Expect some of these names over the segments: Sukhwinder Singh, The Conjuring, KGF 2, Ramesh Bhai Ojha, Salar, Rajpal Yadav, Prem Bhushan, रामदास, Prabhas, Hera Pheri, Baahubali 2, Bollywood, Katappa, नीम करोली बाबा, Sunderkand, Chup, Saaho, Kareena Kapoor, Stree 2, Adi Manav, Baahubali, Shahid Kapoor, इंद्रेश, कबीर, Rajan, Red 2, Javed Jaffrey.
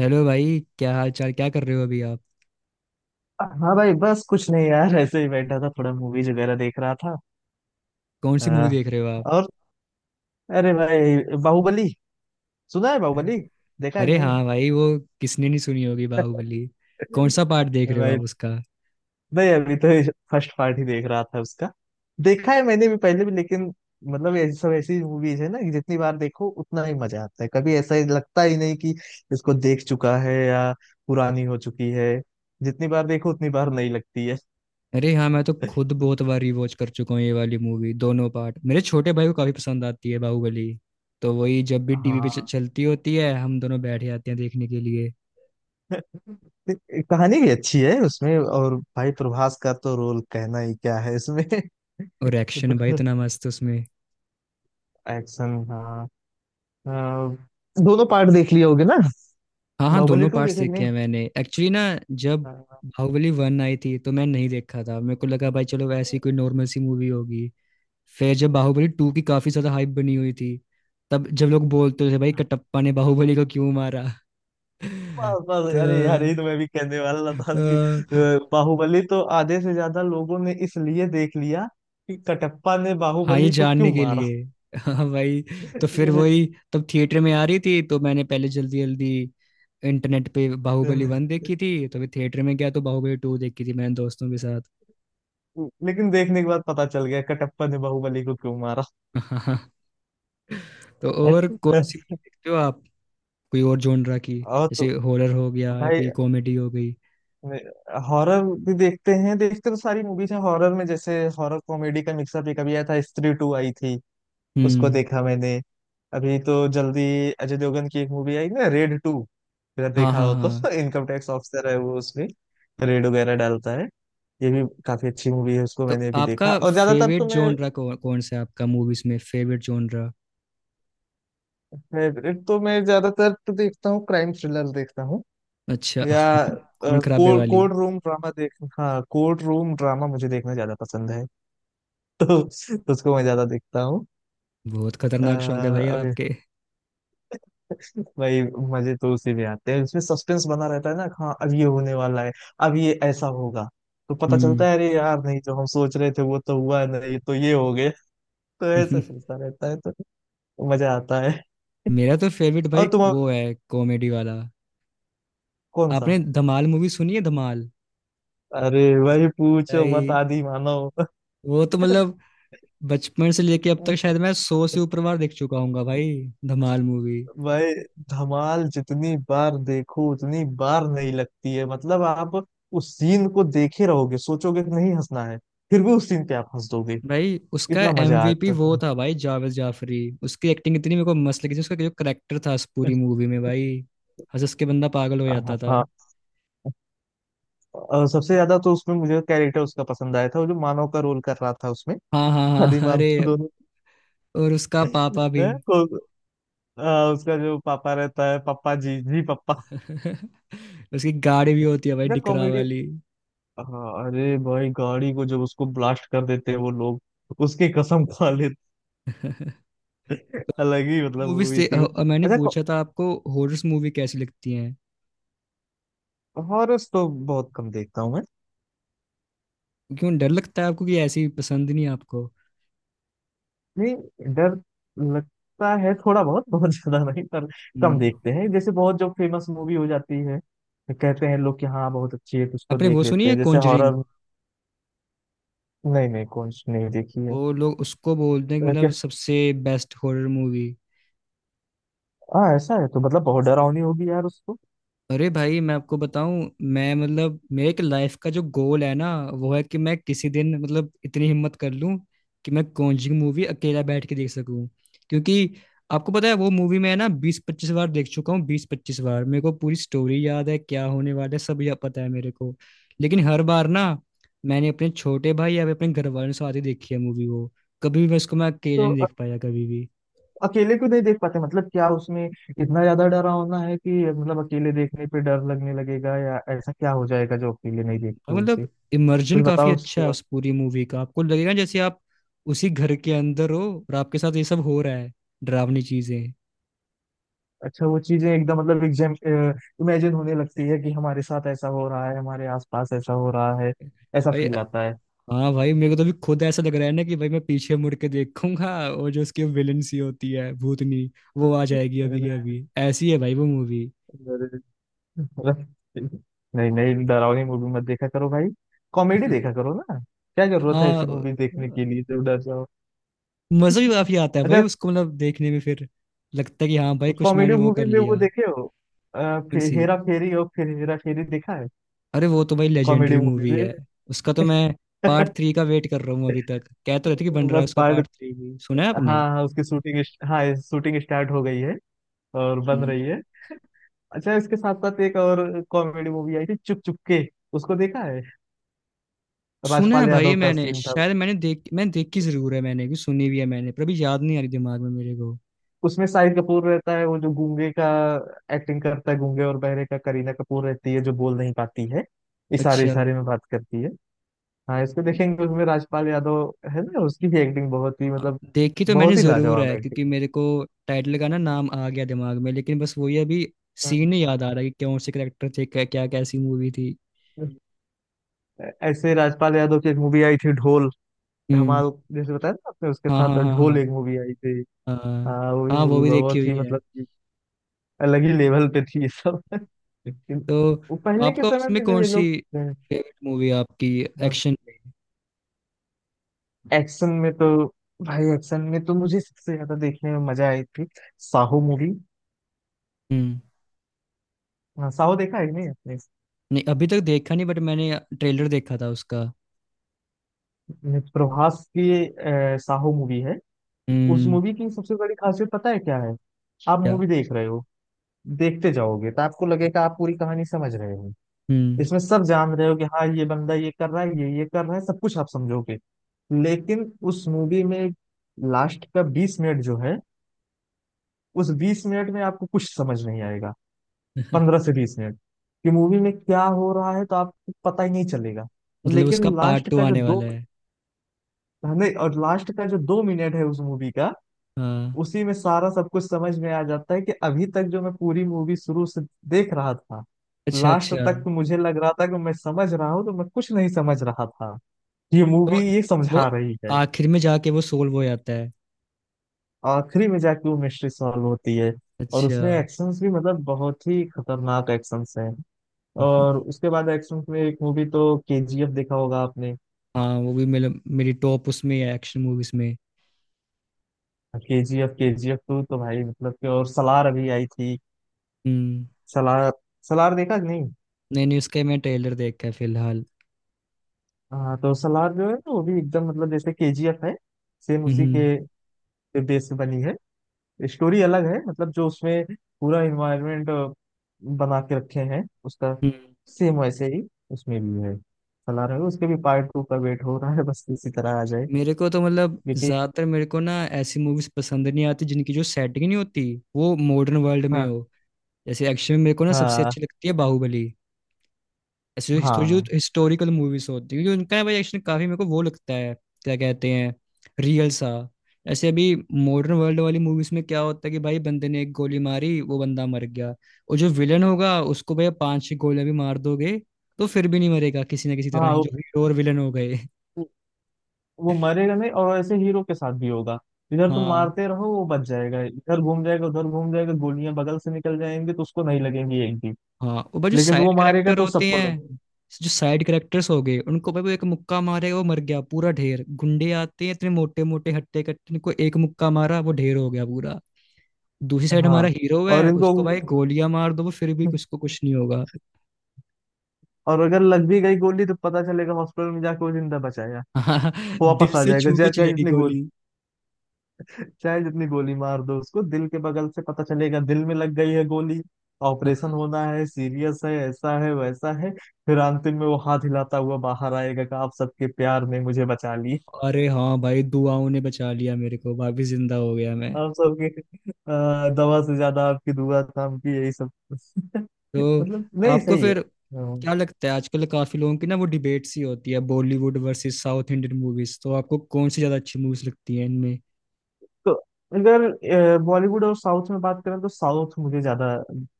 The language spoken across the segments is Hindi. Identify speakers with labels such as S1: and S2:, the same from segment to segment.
S1: हेलो भाई, क्या हाल चाल? क्या कर रहे हो अभी आप?
S2: हाँ भाई, बस कुछ नहीं यार, ऐसे ही बैठा था, थोड़ा मूवीज वगैरह देख रहा था।
S1: कौन सी मूवी
S2: हाँ।
S1: देख रहे हो आप?
S2: और अरे भाई, बाहुबली सुना है? बाहुबली देखा है कि
S1: अरे
S2: नहीं?
S1: हाँ भाई, वो किसने नहीं सुनी होगी बाहुबली। कौन सा
S2: नहीं।
S1: पार्ट देख रहे हो आप
S2: भाई,
S1: उसका?
S2: नहीं अभी तो फर्स्ट पार्ट ही देख रहा था उसका। देखा है मैंने भी पहले भी, लेकिन मतलब ये सब ऐसी मूवीज है ना कि जितनी बार देखो उतना ही मजा आता है। कभी ऐसा ही लगता ही नहीं कि इसको देख चुका है या पुरानी हो चुकी है। जितनी बार देखो उतनी बार नहीं लगती है।
S1: अरे हाँ, मैं तो खुद बहुत बार रिवॉच कर चुका हूँ ये वाली मूवी। दोनों पार्ट मेरे छोटे भाई को काफी पसंद आती है बाहुबली। तो वही, जब भी टीवी पे
S2: हाँ।
S1: चलती होती है हम दोनों बैठ जाते हैं देखने के लिए।
S2: कहानी भी अच्छी है उसमें, और भाई प्रभास का तो रोल कहना ही क्या है इसमें।
S1: और एक्शन भाई
S2: तो
S1: इतना मस्त उसमें।
S2: एक्शन, हाँ। अ, दोनों पार्ट देख लिए होगे ना?
S1: हाँ हाँ,
S2: बाहुबली
S1: दोनों
S2: टू
S1: पार्ट्स
S2: देखे कि
S1: देखे
S2: नहीं?
S1: हैं मैंने एक्चुअली ना। जब
S2: हाँ।
S1: बाहुबली 1 आई थी तो मैं नहीं देखा था। मेरे को लगा भाई चलो ऐसी कोई नॉर्मल सी मूवी होगी। फिर जब बाहुबली 2 की काफी ज्यादा हाइप बनी हुई थी, तब जब लोग बोलते थे भाई कटप्पा ने बाहुबली को क्यों मारा।
S2: बस बस, अरे यार यही
S1: तो
S2: तो मैं भी कहने वाला था कि
S1: अ,
S2: बाहुबली तो आधे से ज्यादा लोगों ने इसलिए देख लिया कि कटप्पा ने
S1: हाँ ये
S2: बाहुबली को क्यों
S1: जानने के
S2: मारा।
S1: लिए। हाँ भाई, तो फिर
S2: ये,
S1: वही, तब थिएटर में आ रही थी तो मैंने पहले जल्दी जल्दी इंटरनेट पे
S2: अ,
S1: बाहुबली 1 देखी थी। तो फिर थिएटर में गया तो बाहुबली 2 देखी थी मैंने दोस्तों के साथ।
S2: लेकिन देखने के बाद पता चल गया कटप्पा ने बाहुबली को क्यों मारा।
S1: हाँ, तो और कौन सी देखते हो आप? कोई और जॉनरा की,
S2: और तो
S1: जैसे हॉरर हो गया या
S2: भाई,
S1: कोई कॉमेडी हो गई?
S2: हॉरर भी देखते हैं, देखते तो सारी मूवीज हैं। हॉरर में जैसे हॉरर कॉमेडी का मिक्सअप, एक अभी आया था, स्त्री टू आई थी, उसको
S1: हम्म।
S2: देखा मैंने। अभी तो जल्दी अजय देवगन की एक मूवी आई ना, रेड टू, अगर
S1: हाँ
S2: देखा
S1: हाँ
S2: हो
S1: हाँ।
S2: तो। इनकम टैक्स ऑफिसर है वो उसमें, रेड वगैरह डालता है। ये भी काफी अच्छी मूवी है, उसको
S1: तो
S2: मैंने भी
S1: आपका
S2: देखा। और ज्यादातर
S1: फेवरेट
S2: तो मैं,
S1: जॉनरा कौन कौन सा है आपका, मूवीज में फेवरेट जॉनरा?
S2: फेवरेट तो मैं ज्यादातर तो देखता हूँ क्राइम थ्रिलर देखता हूँ,
S1: अच्छा,
S2: या
S1: खून खराबे
S2: कोर्ट
S1: वाली।
S2: कोर्ट रूम ड्रामा देख, हाँ कोर्ट रूम ड्रामा मुझे देखना ज्यादा पसंद है, तो उसको मैं ज्यादा देखता हूँ।
S1: बहुत
S2: अ,
S1: खतरनाक शौक है भाई
S2: अभी
S1: आपके।
S2: भाई, मजे तो उसी में आते हैं। उसमें सस्पेंस बना रहता है ना, हाँ अब ये होने वाला है, अब ये ऐसा होगा, तो पता
S1: हम्म।
S2: चलता है अरे यार नहीं, जो हम सोच रहे थे वो तो हुआ नहीं, तो ये हो गया। तो ऐसा चलता रहता है, तो मजा आता है।
S1: मेरा तो फेवरेट भाई
S2: और तुम?
S1: वो है कॉमेडी वाला।
S2: कौन सा?
S1: आपने धमाल मूवी सुनी है, धमाल?
S2: अरे भाई पूछो मत,
S1: भाई
S2: आदि मानव।
S1: वो तो मतलब बचपन से लेके अब तक शायद मैं 100 से ऊपर बार देख चुका हूँ भाई, धमाल मूवी।
S2: भाई धमाल जितनी बार देखो उतनी बार नहीं लगती है, मतलब आप उस सीन को देखे रहोगे, सोचोगे कि नहीं हंसना है, फिर भी उस सीन पे आप हंस दोगे।
S1: भाई उसका
S2: इतना मजा
S1: एमवीपी
S2: आता
S1: वो
S2: है।
S1: था भाई जावेद जाफरी। उसकी एक्टिंग इतनी मेरे को मस्त लगी थी। उसका जो करेक्टर था उस पूरी मूवी में भाई, हंस हंस के बंदा पागल हो जाता
S2: हाँ
S1: था।
S2: हाँ। और सबसे ज्यादा तो उसमें मुझे कैरेक्टर उसका पसंद आया था, वो जो मानव का रोल कर रहा था उसमें।
S1: हाँ हाँ
S2: हनी
S1: हाँ,
S2: मानव
S1: अरे,
S2: तो दोनों
S1: और उसका पापा भी।
S2: हैं, उसका जो पापा रहता है, पापा जी, जी पापा,
S1: उसकी गाड़ी भी होती है भाई
S2: इतना
S1: डिकरा
S2: कॉमेडी।
S1: वाली।
S2: हाँ, अरे भाई गाड़ी को जब उसको ब्लास्ट कर देते हैं वो लोग, उसकी कसम खा लेते।
S1: तो
S2: अलग ही मतलब
S1: मूवीज
S2: मूवी
S1: से
S2: थी वो।
S1: मैंने
S2: अच्छा।
S1: पूछा था आपको, हॉरर्स मूवी कैसी लगती हैं?
S2: हॉरर्स तो बहुत कम देखता हूँ मैं।
S1: क्यों, डर लगता है आपको कि ऐसी पसंद नहीं है आपको?
S2: नहीं, डर लगता है थोड़ा बहुत, बहुत ज्यादा नहीं, पर कम
S1: हम्म।
S2: देखते हैं, जैसे बहुत जो फेमस मूवी हो जाती है तो कहते हैं लोग कि हाँ बहुत अच्छी है, तो उसको
S1: आपने
S2: देख
S1: वो सुनी
S2: लेते
S1: है
S2: हैं, जैसे
S1: कॉन्जरिंग?
S2: हॉरर। नहीं नहीं, कौन सी नहीं देखी है?
S1: वो लोग उसको बोलते हैं कि
S2: तो क्या?
S1: मतलब सबसे बेस्ट हॉरर मूवी।
S2: हाँ, ऐसा है तो मतलब बहुत डरावनी होगी यार उसको।
S1: अरे भाई, मैं आपको बताऊं, मैं मतलब मेरे एक लाइफ का जो गोल है ना, वो है कि मैं किसी दिन मतलब इतनी हिम्मत कर लूं कि मैं कॉन्जरिंग मूवी अकेला बैठ के देख सकूं। क्योंकि आपको पता है वो मूवी मैं ना 20-25 बार देख चुका हूँ। 20-25 बार, मेरे को पूरी स्टोरी याद है, क्या होने वाला है सब याद पता है मेरे को। लेकिन हर बार ना मैंने अपने छोटे भाई या फिर अपने घर वालों के साथ ही देखी है मूवी वो। कभी भी मैं उसको मैं अकेला
S2: तो
S1: नहीं
S2: अ-
S1: देख पाया कभी।
S2: अकेले क्यों नहीं देख पाते? मतलब क्या उसमें इतना ज्यादा डरावना है कि मतलब अकेले देखने पे डर लगने लगेगा, या ऐसा क्या हो जाएगा जो अकेले नहीं
S1: और
S2: देखते हो?
S1: मतलब इमर्जन
S2: कुछ
S1: काफी
S2: बताओ
S1: अच्छा
S2: उसके
S1: है
S2: बाद।
S1: उस पूरी मूवी का। आपको लगेगा जैसे आप उसी घर के अंदर हो, और आपके साथ ये सब हो रहा है, डरावनी चीजें।
S2: अच्छा, वो चीजें एकदम मतलब एग्जाम इमेजिन होने लगती है कि हमारे साथ ऐसा हो रहा है, हमारे आसपास ऐसा हो रहा है, ऐसा
S1: भाई,
S2: फील आता है।
S1: हाँ भाई, मेरे को तो भी खुद ऐसा लग रहा है ना कि भाई मैं पीछे मुड़ के देखूंगा और जो उसकी विलन सी होती है भूतनी, वो आ जाएगी
S2: अरे,
S1: अभी के अभी। ऐसी है भाई वो मूवी।
S2: अरे, नहीं नहीं डरावनी मूवी मत देखा करो भाई, कॉमेडी देखा करो ना। क्या जरूरत है ऐसी
S1: हाँ,
S2: मूवी देखने के लिए जब डर जाओ?
S1: मजा भी काफी आता है भाई
S2: अच्छा,
S1: उसको मतलब देखने में। फिर लगता है कि हाँ भाई कुछ
S2: कॉमेडी
S1: मैंने वो कर
S2: मूवी में वो
S1: लिया।
S2: देखे हो,
S1: कौन
S2: फिर
S1: सी?
S2: हेरा फेरी और फिर हेरा फेरी देखा है,
S1: अरे वो तो भाई लेजेंडरी
S2: कॉमेडी मूवी
S1: मूवी
S2: में।
S1: है। उसका तो मैं पार्ट 3 का वेट कर रहा हूँ। अभी तक कह तो रहे थे कि बन रहा है
S2: बस
S1: उसका
S2: पार्ट,
S1: पार्ट 3 भी, सुना है आपने?
S2: हाँ हाँ उसकी शूटिंग, हाँ शूटिंग स्टार्ट हो गई है और बन रही
S1: हम्म।
S2: है। अच्छा, इसके साथ साथ एक और कॉमेडी मूवी आई थी, चुप चुप के, उसको देखा है?
S1: सुना है
S2: राजपाल
S1: भाई
S2: यादव
S1: ये,
S2: का
S1: मैंने
S2: सीन था।
S1: शायद मैंने देखी जरूर है, मैंने भी सुनी भी है मैंने, पर अभी याद नहीं आ रही दिमाग में मेरे को।
S2: उसमें शाहिद कपूर रहता है, वो जो गूंगे का एक्टिंग करता है, गूंगे और बहरे का। करीना कपूर रहती है जो बोल नहीं पाती है, इशारे
S1: अच्छा,
S2: इशारे में बात करती है। हाँ, इसको देखेंगे। उसमें राजपाल यादव है ना, उसकी भी एक्टिंग बहुत ही, मतलब
S1: देखी तो मैंने
S2: बहुत ही
S1: जरूर
S2: लाजवाब
S1: है
S2: एक्टिंग।
S1: क्योंकि मेरे को टाइटल का ना नाम आ गया दिमाग में, लेकिन बस वही अभी
S2: हाँ।
S1: सीन नहीं याद आ रहा कि कौन से करेक्टर थे, क्या क्या, कैसी मूवी थी।
S2: ऐसे राजपाल यादव की एक मूवी आई थी, ढोल।
S1: हम्म।
S2: धमाल जैसे बताया ना आपने, उसके
S1: हाँ हाँ
S2: साथ
S1: हाँ हाँ।
S2: ढोल एक मूवी आई थी।
S1: हाँ।
S2: हाँ, वो भी
S1: हाँ वो
S2: मूवी
S1: भी देखी
S2: बहुत
S1: हुई
S2: ही
S1: है।
S2: मतलब अलग ही लेवल पे थी ये सब। लेकिन
S1: तो
S2: वो पहले के
S1: आपका
S2: समय
S1: उसमें
S2: में जो
S1: कौन
S2: ये
S1: सी
S2: लोग थे,
S1: फेवरेट मूवी आपकी,
S2: और
S1: एक्शन में?
S2: एक्शन में तो भाई, एक्शन में तो मुझे सबसे ज्यादा देखने में मजा आई थी, साहो मूवी।
S1: हम्म।
S2: हाँ, साहो देखा है कि नहीं आपने?
S1: नहीं, अभी तक देखा नहीं, बट मैंने ट्रेलर देखा था उसका।
S2: ने प्रभास की साहो मूवी है। उस
S1: हम्म।
S2: मूवी की सबसे बड़ी खासियत पता है क्या है? आप
S1: क्या?
S2: मूवी देख रहे हो, देखते जाओगे तो आपको लगेगा आप पूरी कहानी समझ रहे हो।
S1: हम्म।
S2: इसमें सब जान रहे हो कि हाँ ये बंदा ये कर रहा है, ये कर रहा है, सब कुछ आप समझोगे। लेकिन उस मूवी में लास्ट का बीस मिनट जो है, उस 20 मिनट में आपको कुछ समझ नहीं आएगा, 15 से 20 मिनट, कि मूवी में क्या हो रहा है तो आपको पता ही नहीं चलेगा।
S1: मतलब उसका
S2: लेकिन
S1: पार्ट
S2: लास्ट
S1: टू
S2: का जो
S1: आने
S2: दो,
S1: वाला है?
S2: नहीं, और लास्ट का जो 2 मिनट है उस मूवी का,
S1: हाँ,
S2: उसी में सारा सब कुछ समझ में आ जाता है, कि अभी तक जो मैं पूरी मूवी शुरू से देख रहा था,
S1: अच्छा
S2: लास्ट
S1: अच्छा।
S2: तक तो मुझे लग रहा था कि मैं समझ रहा हूँ, तो मैं कुछ नहीं समझ रहा था, ये
S1: तो
S2: मूवी ये
S1: वो
S2: समझा रही है।
S1: आखिर में जाके वो सोल्व हो जाता है।
S2: आखिरी में जाके वो मिस्ट्री सॉल्व होती है। और
S1: अच्छा।
S2: उसमें एक्शंस भी मतलब बहुत ही खतरनाक एक्शंस हैं। और उसके बाद एक्शंस में एक मूवी तो केजीएफ देखा होगा आपने?
S1: हाँ, वो भी मेरे मेरी टॉप उसमें है, एक्शन मूवीज में।
S2: केजीएफ, केजीएफ टू तो भाई मतलब कि, और सलार अभी आई थी।
S1: हम्म।
S2: सलार, सलार देखा कि नहीं?
S1: नहीं नहीं, उसका मैं ट्रेलर देखा है फिलहाल।
S2: हाँ तो सलार जो है ना वो भी एकदम मतलब जैसे केजीएफ है, सेम उसी के
S1: हम्म।
S2: बेस पे बनी है। स्टोरी अलग है मतलब, जो उसमें पूरा इन्वायरमेंट बना के रखे हैं उसका
S1: हम्म,
S2: सेम वैसे ही उसमें भी है। चला रहे हो उसके भी पार्ट टू का वेट हो रहा है, बस इसी तरह आ जाए,
S1: मेरे को तो मतलब
S2: क्योंकि
S1: ज्यादातर मेरे को ना ऐसी मूवीज पसंद नहीं आती जिनकी जो सेटिंग नहीं होती वो मॉडर्न वर्ल्ड में
S2: हाँ,
S1: हो। जैसे एक्शन में मेरे को ना सबसे
S2: हाँ,
S1: अच्छी लगती है बाहुबली। ऐसे जो हिस्टोरी जो
S2: हाँ,
S1: हिस्टोरिकल मूवीज होती है, क्योंकि उनका ना भाई एक्शन काफी मेरे को वो लगता है, क्या कहते हैं, रियल सा। ऐसे अभी मॉडर्न वर्ल्ड वाली मूवीज में क्या होता है कि भाई बंदे ने एक गोली मारी वो बंदा मर गया, और जो विलन होगा उसको भाई 5-6 गोलियां भी मार दोगे तो फिर भी नहीं मरेगा, किसी ना किसी तरह
S2: हाँ।
S1: ही जो
S2: वो,
S1: हीरो और विलन हो गए।
S2: वो मरेगा नहीं, और ऐसे हीरो के साथ भी होगा। इधर तुम
S1: हाँ
S2: मारते रहो वो बच जाएगा, इधर घूम जाएगा, उधर घूम जाएगा, गोलियां बगल से निकल जाएंगी तो उसको नहीं लगेंगी एक भी।
S1: हाँ, और भाई
S2: लेकिन वो मारेगा तो सबको लगेगी।
S1: जो साइड करेक्टर्स हो गए, उनको भाई वो एक मुक्का मारेगा वो मर गया। पूरा ढेर गुंडे आते हैं, इतने मोटे मोटे हट्टे कट्टे, इनको एक मुक्का मारा वो ढेर हो गया पूरा। दूसरी साइड
S2: हाँ,
S1: हमारा हीरो
S2: और
S1: है,
S2: इनको।
S1: उसको भाई गोलियां मार दो वो फिर भी उसको कुछ नहीं होगा।
S2: और अगर लग भी गई गोली तो पता चलेगा हॉस्पिटल में जाके वो जिंदा बचाया।
S1: हाँ,
S2: वो
S1: दिल
S2: वापस आ
S1: से
S2: जाएगा,
S1: छू के
S2: चाहे चाहे
S1: चलेगी
S2: जितनी गोली।
S1: गोली।
S2: चाहे जितनी गोली मार दो उसको, दिल के बगल से पता चलेगा दिल में लग गई है गोली। ऑपरेशन होना है, सीरियस है, ऐसा है, वैसा है। फिर अंतिम में वो हाथ हिलाता हुआ बाहर आएगा कि आप सबके प्यार ने मुझे बचा ली।
S1: अरे हाँ भाई, दुआओं ने बचा लिया मेरे को, वापिस जिंदा हो गया मैं।
S2: आप सबके दवा से ज्यादा आपकी दुआ काम की, यही सब।
S1: तो
S2: मतलब नहीं
S1: आपको
S2: सही है।
S1: फिर
S2: हाँ।
S1: क्या लगता है, आजकल काफी लोगों की ना वो डिबेट सी होती है, Bollywood versus south Indian movies, तो आपको कौन सी ज्यादा अच्छी मूवीज लगती है इनमें?
S2: तो अगर बॉलीवुड और साउथ में बात करें, तो साउथ मुझे ज्यादा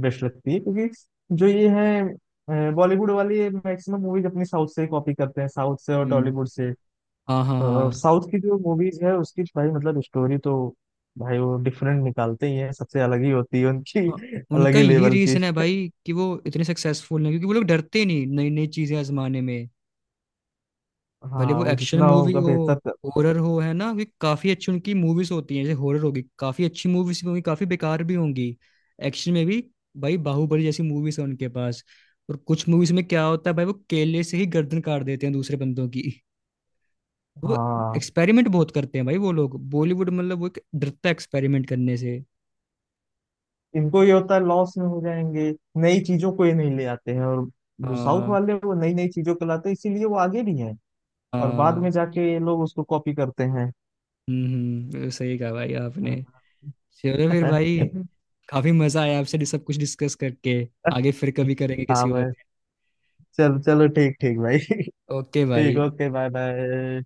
S2: बेस्ट लगती है, क्योंकि जो ये है बॉलीवुड वाली मैक्सिमम मूवीज अपनी साउथ से कॉपी करते हैं, साउथ से और
S1: हम्म।
S2: टॉलीवुड से।
S1: हाँ हाँ
S2: तो
S1: हाँ।
S2: साउथ की जो मूवीज है उसकी भाई मतलब स्टोरी तो, भाई वो डिफरेंट निकालते ही हैं, सबसे अलग ही होती है उनकी
S1: हाँ,
S2: अलग
S1: उनका
S2: ही
S1: यही
S2: लेवल की।
S1: रीजन है भाई कि वो इतने सक्सेसफुल हैं, क्योंकि वो लोग डरते नहीं नई नई चीजें आजमाने में। भले
S2: हाँ
S1: वो
S2: वो
S1: एक्शन
S2: जितना
S1: मूवी
S2: होगा
S1: हो,
S2: बेहतर कर-
S1: हॉरर हो, है ना, क्योंकि काफी अच्छी उनकी मूवीज होती हैं। जैसे हॉरर होगी, काफी अच्छी मूवीज भी होंगी, काफी बेकार भी होंगी। एक्शन में भी भाई बाहुबली जैसी मूवीज है उनके पास, और कुछ मूवीज में क्या होता है भाई, वो केले से ही गर्दन काट देते हैं दूसरे बंदों की। वो
S2: हाँ,
S1: एक्सपेरिमेंट बहुत करते हैं भाई वो लोग। बॉलीवुड मतलब वो एक डरता है एक्सपेरिमेंट करने से।
S2: इनको ये होता है लॉस में हो जाएंगे, नई चीजों को ये नहीं ले आते हैं। और जो साउथ
S1: हाँ
S2: वाले हैं, वो नई नई चीजों को लाते हैं, इसीलिए वो आगे भी हैं, और बाद
S1: हाँ।
S2: में जाके ये लोग उसको कॉपी करते हैं।
S1: हम्म। सही कहा भाई आपने।
S2: हाँ।
S1: चलो फिर भाई, काफी मजा आया आपसे ये सब कुछ डिस्कस करके। आगे फिर कभी करेंगे
S2: हाँ
S1: किसी और
S2: भाई।
S1: दिन।
S2: चल चलो ठीक ठीक भाई।
S1: ओके
S2: ठीक,
S1: भाई।
S2: ओके। Bye bye.